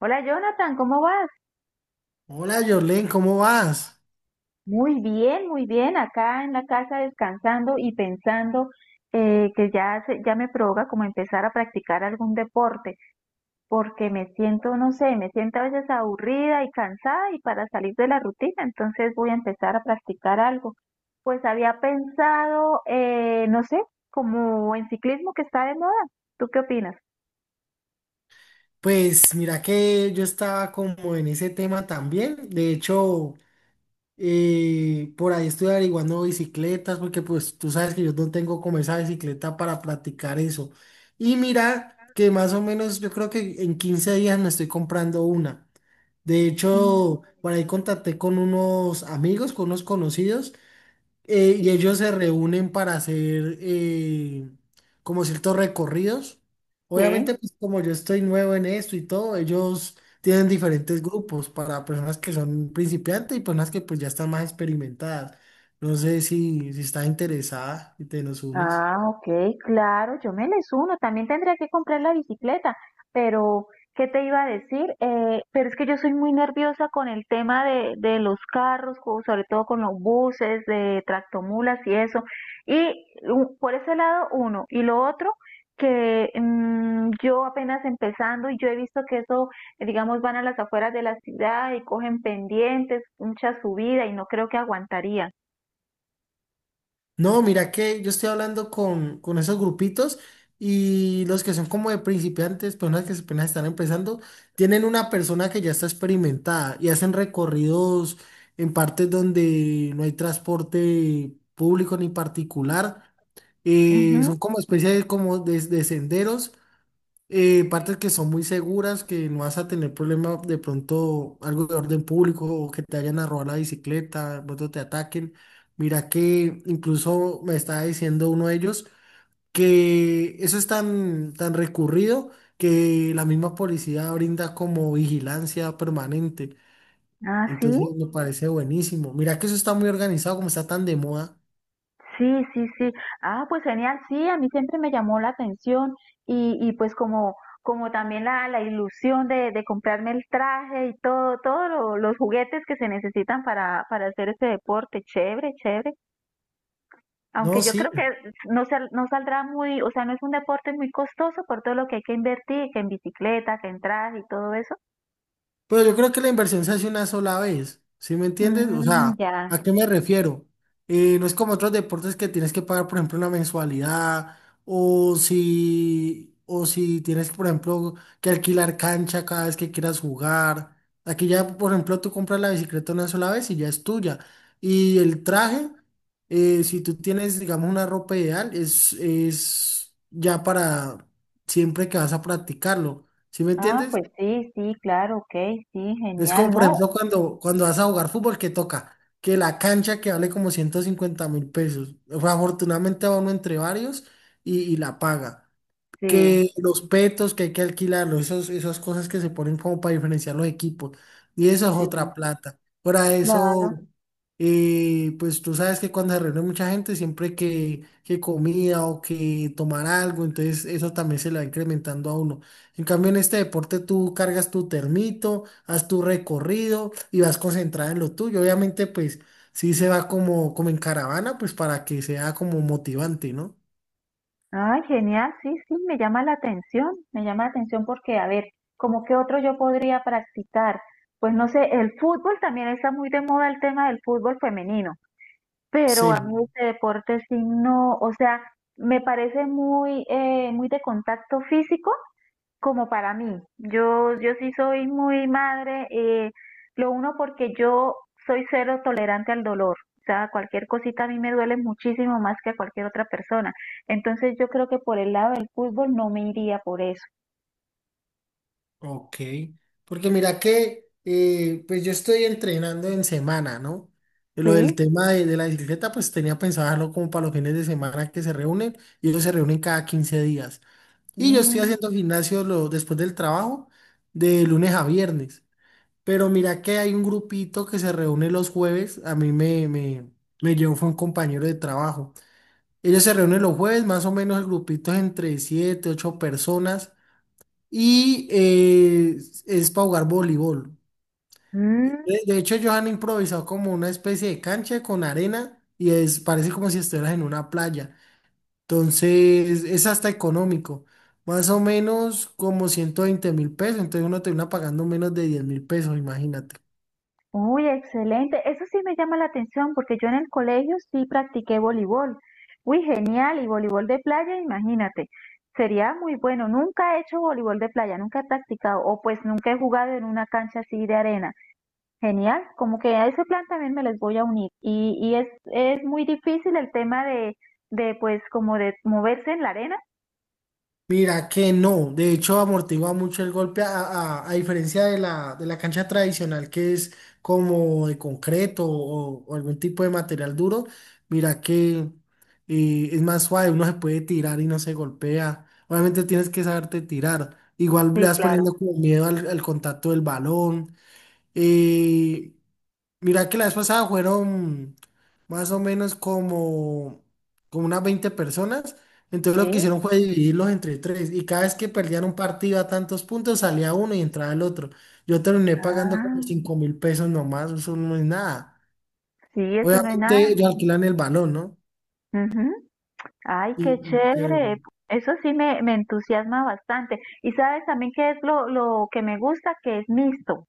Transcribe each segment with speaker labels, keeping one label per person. Speaker 1: Hola Jonathan, ¿cómo vas?
Speaker 2: Hola Jorlen, ¿cómo vas?
Speaker 1: Muy bien, muy bien. Acá en la casa descansando y pensando que ya, ya me provoca como empezar a practicar algún deporte, porque me siento, no sé, me siento a veces aburrida y cansada y para salir de la rutina, entonces voy a empezar a practicar algo. Pues había pensado, no sé, como en ciclismo que está de moda. ¿Tú qué opinas?
Speaker 2: Pues mira que yo estaba como en ese tema también. De hecho, por ahí estoy averiguando bicicletas porque pues tú sabes que yo no tengo como esa bicicleta para practicar eso. Y mira que más o menos yo creo que en 15 días me estoy comprando una. De
Speaker 1: Mm,
Speaker 2: hecho, por ahí contacté con unos amigos, con unos conocidos, y ellos se reúnen para hacer como ciertos recorridos.
Speaker 1: Sí.
Speaker 2: Obviamente, pues como yo estoy nuevo en esto y todo, ellos tienen diferentes grupos para personas que son principiantes y personas que pues ya están más experimentadas. No sé si estás interesada y te nos unes.
Speaker 1: Ah, ok, claro, yo me les uno. También tendría que comprar la bicicleta, pero ¿qué te iba a decir? Pero es que yo soy muy nerviosa con el tema de los carros, sobre todo con los buses, de tractomulas y eso. Y por ese lado, uno. Y lo otro, que yo apenas empezando y yo he visto que eso, digamos, van a las afueras de la ciudad y cogen pendientes, mucha subida y no creo que aguantaría.
Speaker 2: No, mira que yo estoy hablando con esos grupitos y los que son como de principiantes, personas que apenas están empezando, tienen una persona que ya está experimentada y hacen recorridos en partes donde no hay transporte público ni particular. Son
Speaker 1: Ujú.
Speaker 2: como especies como de senderos, partes que son muy seguras, que no vas a tener problema de pronto algo de orden público o que te vayan a robar la bicicleta, de pronto te ataquen. Mira que incluso me estaba diciendo uno de ellos que eso es tan, tan recurrido que la misma policía brinda como vigilancia permanente.
Speaker 1: Ah, sí.
Speaker 2: Entonces me parece buenísimo. Mira que eso está muy organizado, como está tan de moda.
Speaker 1: Sí, sí, sí. Ah, pues genial, sí, a mí siempre me llamó la atención y pues como, como también la ilusión de comprarme el traje y todo, todos los juguetes que se necesitan para hacer este deporte, chévere, chévere. Aunque
Speaker 2: No,
Speaker 1: yo
Speaker 2: sí.
Speaker 1: creo que no saldrá muy, o sea, no es un deporte muy costoso por todo lo que hay que invertir, que en bicicleta, que en traje y todo eso.
Speaker 2: Pero yo creo que la inversión se hace una sola vez, ¿sí me entiendes? O
Speaker 1: Mm,
Speaker 2: sea,
Speaker 1: ya.
Speaker 2: ¿a qué me refiero? No es como otros deportes que tienes que pagar, por ejemplo, una mensualidad o si tienes, por ejemplo, que alquilar cancha cada vez que quieras jugar. Aquí ya, por ejemplo, tú compras la bicicleta una sola vez y ya es tuya. Y el traje, si tú tienes, digamos, una ropa ideal, es ya para siempre que vas a practicarlo, ¿sí me
Speaker 1: Ah,
Speaker 2: entiendes?
Speaker 1: pues sí, sí, claro, ok, sí,
Speaker 2: Es como,
Speaker 1: genial,
Speaker 2: por
Speaker 1: no.
Speaker 2: ejemplo, cuando vas a jugar fútbol, ¿que toca? Que la cancha que vale como 150.000 pesos. O sea, afortunadamente va uno entre varios y la paga,
Speaker 1: Sí,
Speaker 2: que los petos que hay que alquilarlos, esos, esas cosas que se ponen como para diferenciar los equipos. Y eso es
Speaker 1: sí,
Speaker 2: otra plata. Para eso,
Speaker 1: claro.
Speaker 2: pues tú sabes que cuando se reúne mucha gente, siempre que comida o que tomar algo, entonces eso también se le va incrementando a uno. En cambio, en este deporte tú cargas tu termito, haz tu recorrido y vas concentrada en lo tuyo. Obviamente, pues sí se va como en caravana, pues para que sea como motivante, ¿no?
Speaker 1: Ay, genial, sí, sí, me llama la atención, me llama la atención porque, a ver, ¿cómo qué otro yo podría practicar? Pues no sé, el fútbol también está muy de moda el tema del fútbol femenino, pero a mí
Speaker 2: Sí.
Speaker 1: este deporte sí no, o sea, me parece muy, muy de contacto físico como para mí. Yo sí soy muy madre, lo uno porque yo soy cero tolerante al dolor. O sea, cualquier cosita a mí me duele muchísimo más que a cualquier otra persona. Entonces yo creo que por el lado del fútbol no me iría por eso.
Speaker 2: Ok, porque mira que pues yo estoy entrenando en semana, ¿no?
Speaker 1: ¿Sí?
Speaker 2: Lo del tema de la bicicleta, pues tenía pensado dejarlo como para los fines de semana que se reúnen, y ellos se reúnen cada 15 días. Y yo estoy
Speaker 1: Mm.
Speaker 2: haciendo gimnasio después del trabajo de lunes a viernes. Pero mira que hay un grupito que se reúne los jueves. A mí me, me, Me llevó fue un compañero de trabajo. Ellos se reúnen los jueves, más o menos el grupito es entre 7, 8 personas y es para jugar voleibol.
Speaker 1: Mm.
Speaker 2: De hecho, ellos han improvisado como una especie de cancha con arena y es, parece como si estuvieras en una playa. Entonces, es hasta económico. Más o menos como 120.000 pesos. Entonces, uno termina pagando menos de 10.000 pesos, imagínate.
Speaker 1: Uy, excelente. Eso sí me llama la atención porque yo en el colegio sí practiqué voleibol. Uy, genial. Y voleibol de playa, imagínate. Sería muy bueno. Nunca he hecho voleibol de playa, nunca he practicado o pues nunca he jugado en una cancha así de arena. Genial. Como que a ese plan también me les voy a unir. Y es muy difícil el tema de pues como de moverse en la arena.
Speaker 2: Mira que no, de hecho amortigua mucho el golpe a diferencia de de la cancha tradicional que es como de concreto o algún tipo de material duro, mira que es más suave, uno se puede tirar y no se golpea. Obviamente tienes que saberte tirar, igual
Speaker 1: Sí,
Speaker 2: le vas
Speaker 1: claro.
Speaker 2: poniendo como miedo al contacto del balón. Eh, Mira que la vez pasada fueron más o menos como unas 20 personas. Entonces lo que
Speaker 1: Sí.
Speaker 2: hicieron fue dividirlos entre tres. Y cada vez que perdían un partido a tantos puntos, salía uno y entraba el otro. Yo terminé pagando como
Speaker 1: Ah,
Speaker 2: 5.000 pesos nomás, eso no es nada.
Speaker 1: sí, eso no es
Speaker 2: Obviamente
Speaker 1: nada.
Speaker 2: ellos alquilan el balón, ¿no?
Speaker 1: Ujú. Ay, qué
Speaker 2: Y chévere.
Speaker 1: chévere. Eso sí me entusiasma bastante. Y sabes también qué es lo que me gusta, que es mixto.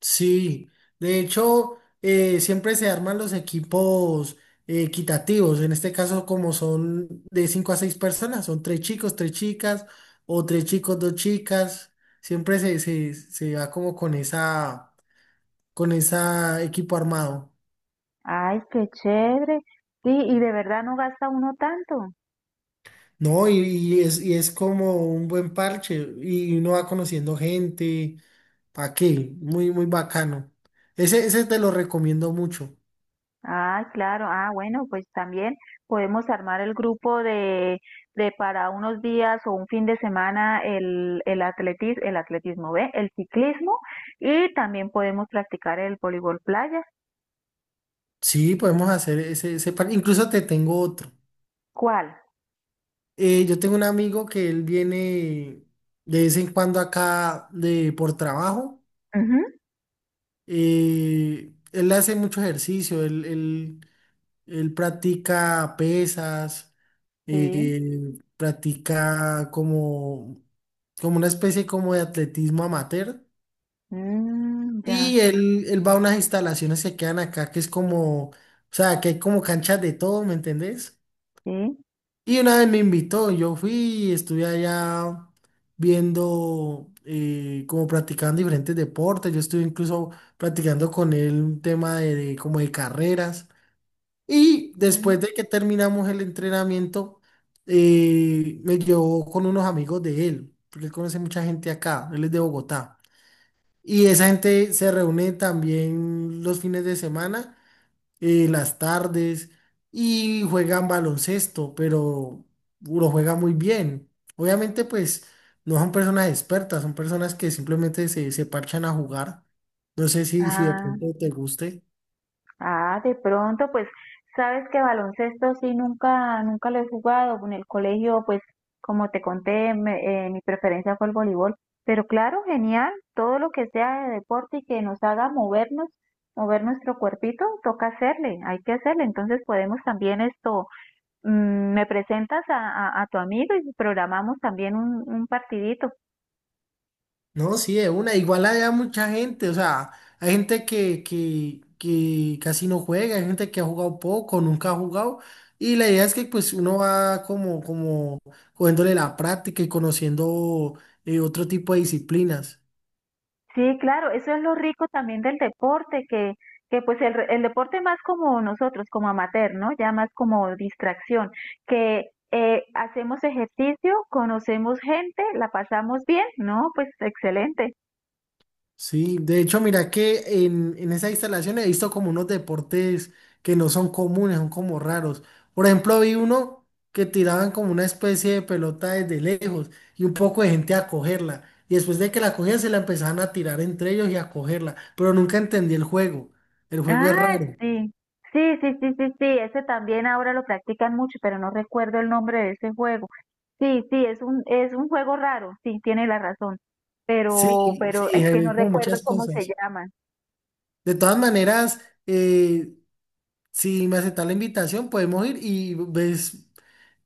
Speaker 2: Sí, de hecho, siempre se arman los equipos equitativos. En este caso, como son de 5 a 6 personas, son tres chicos, tres chicas, o tres chicos, dos chicas. Siempre se va como con esa equipo armado.
Speaker 1: Ay, qué chévere. Sí, y de verdad no gasta uno tanto.
Speaker 2: No, y es como un buen parche, y uno va conociendo gente. ¿Para qué? Muy, muy bacano. Ese te lo recomiendo mucho.
Speaker 1: Ay, claro. Ah, bueno, pues también podemos armar el grupo de para unos días o un fin de semana el, el atletismo, ¿ve? El ciclismo y también podemos practicar el voleibol playa.
Speaker 2: Sí, podemos hacer ese, ese plan. Incluso te tengo otro.
Speaker 1: ¿Cuál?
Speaker 2: Yo tengo un amigo que él viene de vez en cuando acá de, por trabajo.
Speaker 1: Ujú.
Speaker 2: Él hace mucho ejercicio, él practica pesas,
Speaker 1: Sí.
Speaker 2: practica como, como una especie como de atletismo amateur.
Speaker 1: Mm, ya,
Speaker 2: Y él va a unas instalaciones que quedan acá, que es como, o sea, que hay como canchas de todo, ¿me entendés?
Speaker 1: sí.
Speaker 2: Y una vez me invitó, yo fui y estuve allá viendo, como practicando diferentes deportes, yo estuve incluso practicando con él un tema como de carreras. Y después
Speaker 1: Mm.
Speaker 2: de que terminamos el entrenamiento, me llevó con unos amigos de él, porque él conoce mucha gente acá, él es de Bogotá. Y esa gente se reúne también los fines de semana, las tardes, y juegan baloncesto, pero lo juega muy bien. Obviamente, pues no son personas expertas, son personas que simplemente se parchan a jugar. No sé si de
Speaker 1: Ah,
Speaker 2: pronto te guste.
Speaker 1: ah, de pronto, pues, sabes que baloncesto sí nunca, nunca lo he jugado. En el colegio, pues, como te conté, mi preferencia fue el voleibol. Pero claro, genial, todo lo que sea de deporte y que nos haga movernos, mover nuestro cuerpito, toca hacerle, hay que hacerle. Entonces podemos también esto, me presentas a tu amigo y programamos también un partidito.
Speaker 2: No, sí, de una. Igual hay mucha gente, o sea, hay gente que casi no juega, hay gente que ha jugado poco, nunca ha jugado. Y la idea es que pues uno va como, como cogiéndole la práctica y conociendo otro tipo de disciplinas.
Speaker 1: Sí, claro, eso es lo rico también del deporte, que pues el, el deporte más como nosotros, como amateur, ¿no? Ya más como distracción, que hacemos ejercicio, conocemos gente, la pasamos bien, ¿no? Pues excelente.
Speaker 2: Sí, de hecho, mira que en esa instalación he visto como unos deportes que no son comunes, son como raros. Por ejemplo, vi uno que tiraban como una especie de pelota desde lejos y un poco de gente a cogerla. Y después de que la cogían, se la empezaban a tirar entre ellos y a cogerla. Pero nunca entendí el juego. El juego es
Speaker 1: Ah,
Speaker 2: raro.
Speaker 1: sí. Sí, sí, sí, sí, sí, ese también ahora lo practican mucho, pero no recuerdo el nombre de ese juego. Sí, sí, es un juego raro, sí, tiene la razón,
Speaker 2: Sí,
Speaker 1: pero
Speaker 2: sí,
Speaker 1: es que no
Speaker 2: hay como
Speaker 1: recuerdo
Speaker 2: muchas
Speaker 1: cómo se
Speaker 2: cosas.
Speaker 1: llama.
Speaker 2: De todas maneras, eh, si me aceptas la invitación, podemos ir y ves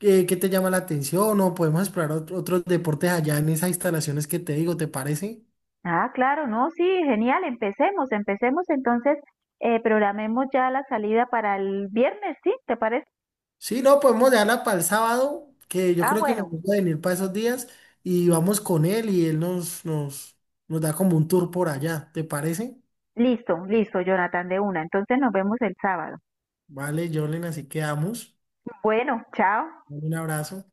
Speaker 2: qué te llama la atención o podemos explorar otros deportes allá en esas instalaciones que te digo, ¿te parece?
Speaker 1: Ah, claro, no, sí, genial, empecemos, empecemos entonces, programemos ya la salida para el viernes, ¿sí? ¿Te parece?
Speaker 2: Sí, no, podemos dejarla para el sábado, que yo
Speaker 1: Ah,
Speaker 2: creo que me
Speaker 1: bueno,
Speaker 2: gusta venir para esos días, y vamos con él y él nos da como un tour por allá, ¿te parece?
Speaker 1: listo, listo, Jonathan, de una, entonces nos vemos el sábado.
Speaker 2: Vale, Jorlen, así quedamos.
Speaker 1: Bueno, chao.
Speaker 2: Dale, un abrazo.